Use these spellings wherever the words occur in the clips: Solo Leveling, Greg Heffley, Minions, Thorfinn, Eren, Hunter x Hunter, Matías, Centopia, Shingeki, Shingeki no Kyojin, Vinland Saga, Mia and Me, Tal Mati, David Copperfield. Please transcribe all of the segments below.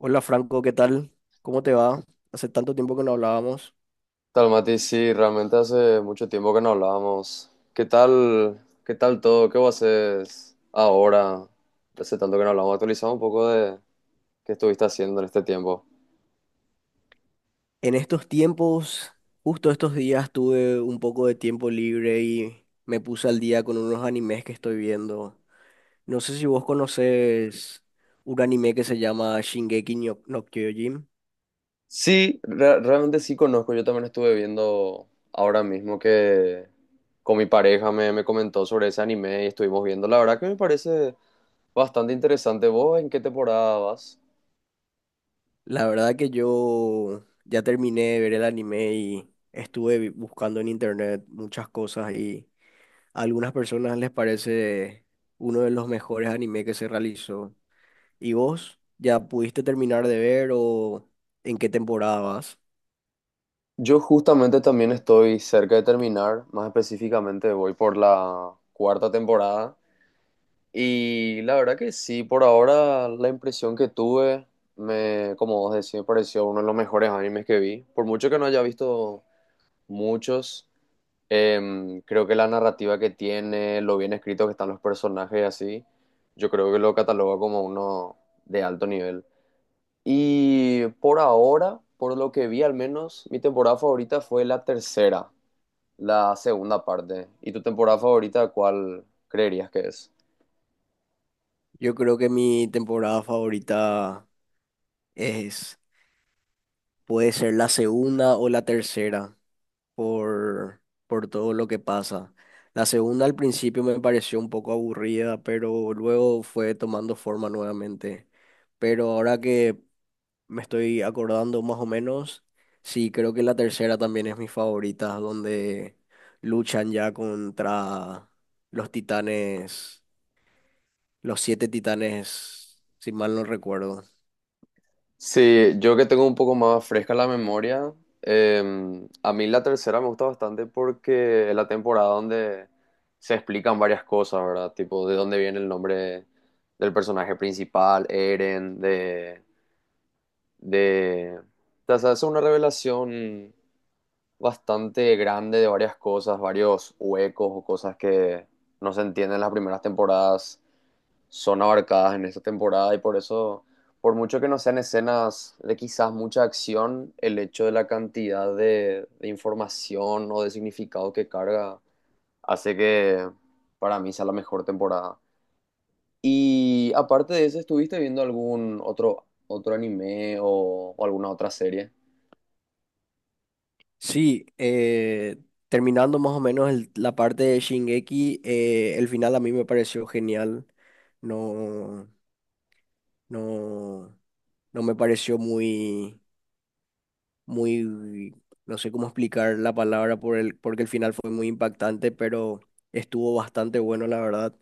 Hola, Franco, ¿qué tal? ¿Cómo te va? Hace tanto tiempo que no hablábamos. Tal Mati, sí, realmente hace mucho tiempo que no hablábamos. ¿Qué tal? ¿Qué tal todo? ¿Qué vos haces ahora? Hace tanto que no hablamos. Actualizado un poco de qué estuviste haciendo en este tiempo. En estos tiempos, justo estos días, tuve un poco de tiempo libre y me puse al día con unos animes que estoy viendo. No sé si vos conoces un anime que se llama Shingeki no, no Kyojin. Sí, realmente sí conozco. Yo también estuve viendo ahora mismo que con mi pareja me comentó sobre ese anime y estuvimos viendo. La verdad que me parece bastante interesante. ¿Vos en qué temporada vas? La verdad que yo ya terminé de ver el anime y estuve buscando en internet muchas cosas, y a algunas personas les parece uno de los mejores animes que se realizó. ¿Y vos ya pudiste terminar de ver o en qué temporada vas? Yo justamente también estoy cerca de terminar, más específicamente voy por la cuarta temporada. Y la verdad que sí, por ahora la impresión que tuve, me, como vos decís, me pareció uno de los mejores animes que vi. Por mucho que no haya visto muchos, creo que la narrativa que tiene, lo bien escrito que están los personajes y así, yo creo que lo cataloga como uno de alto nivel. Y por ahora, por lo que vi al menos, mi temporada favorita fue la tercera, la segunda parte. ¿Y tu temporada favorita cuál creerías que es? Yo creo que mi temporada favorita es, puede ser la segunda o la tercera por, por todo lo que pasa. La segunda al principio me pareció un poco aburrida, pero luego fue tomando forma nuevamente. Pero ahora que me estoy acordando más o menos. Sí, creo que la tercera también es mi favorita, donde luchan ya contra los titanes, los 7 titanes, si mal no recuerdo. Sí, yo que tengo un poco más fresca la memoria, eh, a mí la tercera me gusta bastante porque es la temporada donde se explican varias cosas, ¿verdad? Tipo, de dónde viene el nombre del personaje principal, Eren, de... O sea, es una revelación bastante grande de varias cosas, varios huecos o cosas que no se entienden en las primeras temporadas son abarcadas en esta temporada y por eso, por mucho que no sean escenas de quizás mucha acción, el hecho de la cantidad de información o de significado que carga hace que para mí sea la mejor temporada. Y aparte de eso, ¿estuviste viendo algún otro anime o alguna otra serie? Sí, terminando más o menos la parte de Shingeki, el final a mí me pareció genial. No, no, no me pareció muy muy, no sé cómo explicar la palabra por porque el final fue muy impactante, pero estuvo bastante bueno, la verdad.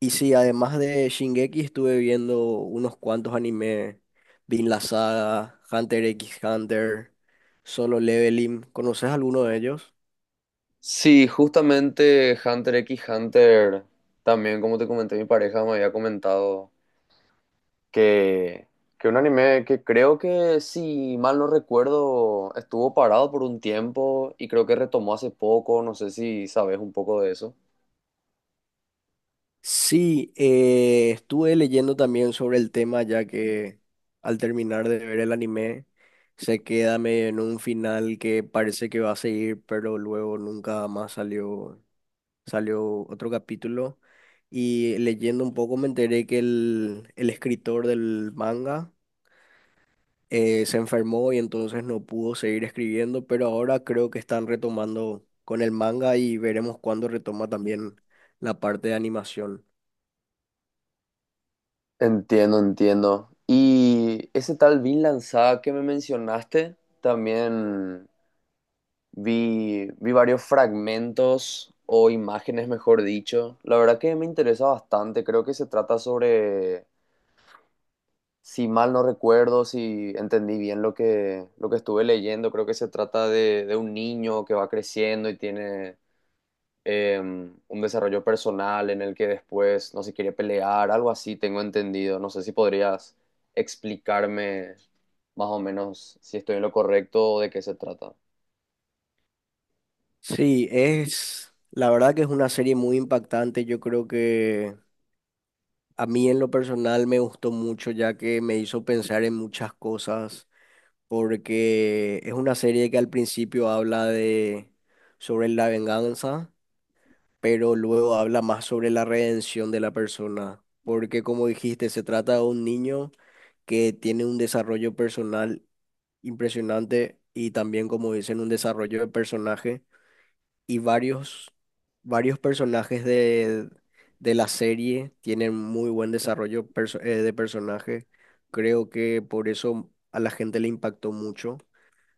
Y sí, además de Shingeki, estuve viendo unos cuantos animes: Vinland la Saga, Hunter x Hunter, Solo Leveling. ¿Conoces alguno de ellos? Sí, justamente Hunter x Hunter, también como te comenté, mi pareja me había comentado que, que un anime que creo que, si mal no recuerdo, estuvo parado por un tiempo y creo que retomó hace poco, no sé si sabes un poco de eso. Sí, estuve leyendo también sobre el tema, ya que al terminar de ver el anime se queda medio en un final que parece que va a seguir, pero luego nunca más salió otro capítulo, y leyendo un poco me enteré que el escritor del manga se enfermó y entonces no pudo seguir escribiendo, pero ahora creo que están retomando con el manga, y veremos cuándo retoma también la parte de animación. Entiendo, entiendo. Y ese tal Vinland Saga que me mencionaste, también vi varios fragmentos o imágenes, mejor dicho. La verdad que me interesa bastante, creo que se trata sobre, si mal no recuerdo, si entendí bien lo que estuve leyendo, creo que se trata de un niño que va creciendo y tiene, un desarrollo personal en el que después no se quiere pelear, algo así tengo entendido. No sé si podrías explicarme más o menos si estoy en lo correcto o de qué se trata. Sí, es, la verdad que es una serie muy impactante. Yo creo que a mí en lo personal me gustó mucho, ya que me hizo pensar en muchas cosas, porque es una serie que al principio habla de sobre la venganza, pero luego habla más sobre la redención de la persona, porque, como dijiste, se trata de un niño que tiene un desarrollo personal impresionante y también, como dicen, un desarrollo de personaje, y varios personajes de la serie tienen muy buen desarrollo de personaje. Creo que por eso a la gente le impactó mucho,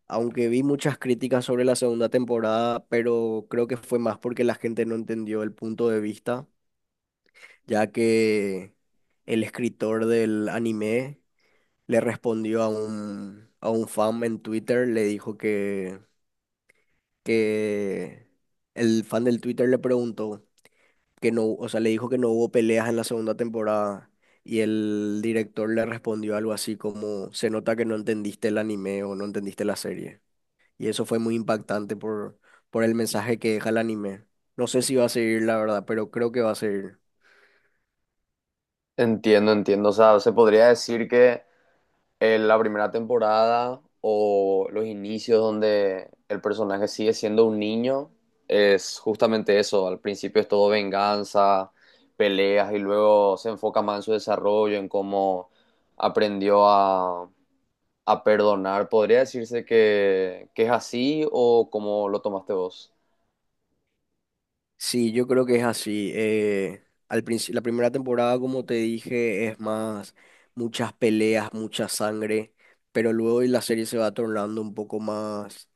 aunque vi muchas críticas sobre la segunda temporada, pero creo que fue más porque la gente no entendió el punto de vista, ya que el escritor del anime le respondió a a un fan en Twitter. Le dijo que el fan del Twitter le preguntó que no, o sea, le dijo que no hubo peleas en la segunda temporada. Y el director le respondió algo así como, se nota que no entendiste el anime o no entendiste la serie. Y eso fue muy impactante por el mensaje que deja el anime. No sé si va a seguir, la verdad, pero creo que va a seguir. Entiendo, entiendo. O sea, se podría decir que la primera temporada o los inicios donde el personaje sigue siendo un niño es justamente eso. Al principio es todo venganza, peleas y luego se enfoca más en su desarrollo, en cómo aprendió a perdonar. ¿Podría decirse que es así o cómo lo tomaste vos? Sí, yo creo que es así. Al principio, la primera temporada, como te dije, es más muchas peleas, mucha sangre, pero luego la serie se va tornando un poco más,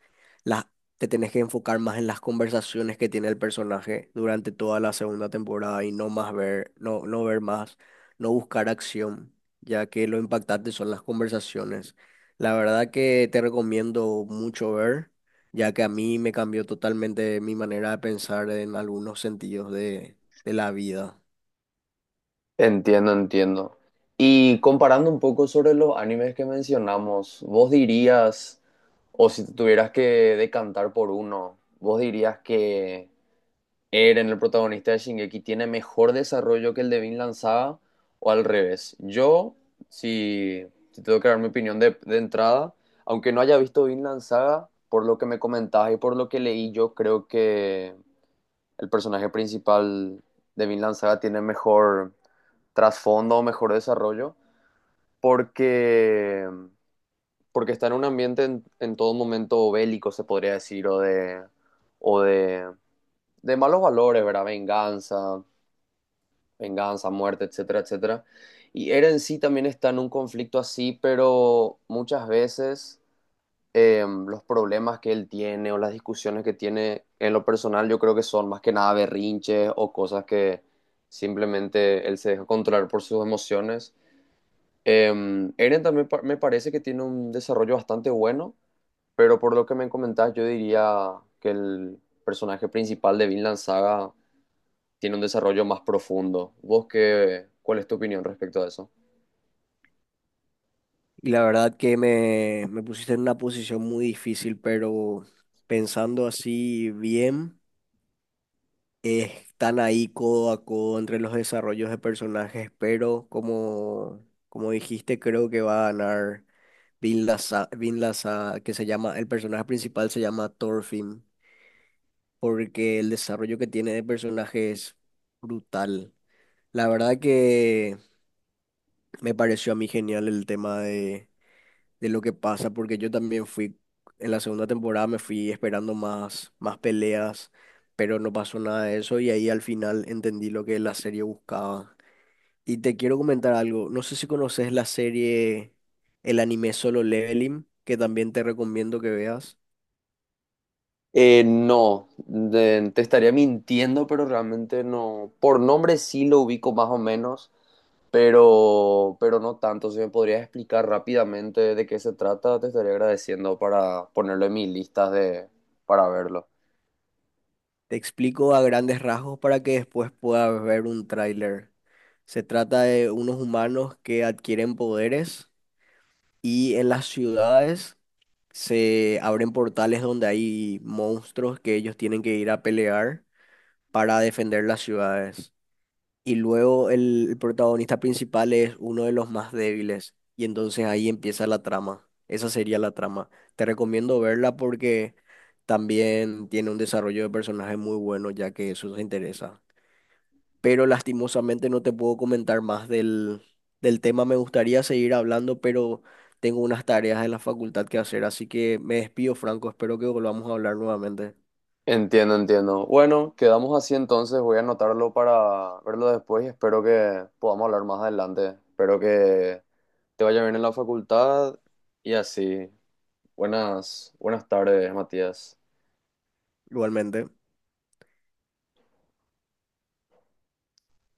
las te tenés que enfocar más en las conversaciones que tiene el personaje durante toda la segunda temporada, y no más ver, no, no ver más, no buscar acción, ya que lo impactante son las conversaciones. La verdad que te recomiendo mucho ver, ya que a mí me cambió totalmente mi manera de pensar en algunos sentidos de la vida. Entiendo, entiendo. Y comparando un poco sobre los animes que mencionamos, vos dirías, o si te tuvieras que decantar por uno, vos dirías que Eren, el protagonista de Shingeki, tiene mejor desarrollo que el de Vinland Saga, o al revés. Yo, si tengo que dar mi opinión de entrada, aunque no haya visto Vinland Saga, por lo que me comentabas y por lo que leí, yo creo que el personaje principal de Vinland Saga tiene mejor trasfondo, mejor desarrollo, porque, porque está en un ambiente en todo momento bélico, se podría decir, o de malos valores, ¿verdad? Venganza, venganza, muerte, etcétera, etcétera. Y Eren sí también está en un conflicto así, pero muchas veces los problemas que él tiene o las discusiones que tiene en lo personal, yo creo que son más que nada berrinches o cosas que simplemente él se deja controlar por sus emociones. Eren también me parece que tiene un desarrollo bastante bueno, pero por lo que me comentás, yo diría que el personaje principal de Vinland Saga tiene un desarrollo más profundo. ¿Vos qué, cuál es tu opinión respecto a eso? Y la verdad que me pusiste en una posición muy difícil, pero pensando así bien, están ahí codo a codo entre los desarrollos de personajes, pero como, como dijiste, creo que va a ganar que se llama, el personaje principal se llama Thorfinn, porque el desarrollo que tiene de personaje es brutal. La verdad que me pareció a mí genial el tema de lo que pasa, porque yo también fui, en la segunda temporada me fui esperando más, más peleas, pero no pasó nada de eso, y ahí al final entendí lo que la serie buscaba. Y te quiero comentar algo, no sé si conoces la serie, el anime Solo Leveling, que también te recomiendo que veas. No, te estaría mintiendo, pero realmente no. Por nombre sí lo ubico más o menos, pero no tanto. Si me podrías explicar rápidamente de qué se trata, te estaría agradeciendo para ponerlo en mis listas de, para verlo. Te explico a grandes rasgos para que después puedas ver un tráiler. Se trata de unos humanos que adquieren poderes, y en las ciudades se abren portales donde hay monstruos que ellos tienen que ir a pelear para defender las ciudades. Y luego el protagonista principal es uno de los más débiles. Y entonces ahí empieza la trama. Esa sería la trama. Te recomiendo verla porque también tiene un desarrollo de personaje muy bueno, ya que eso te interesa, pero lastimosamente no te puedo comentar más del tema. Me gustaría seguir hablando, pero tengo unas tareas en la facultad que hacer, así que me despido, Franco. Espero que volvamos a hablar nuevamente. Entiendo, entiendo. Bueno, quedamos así entonces. Voy a anotarlo para verlo después y espero que podamos hablar más adelante. Espero que te vaya bien en la facultad y así. Buenas tardes, Matías. Igualmente.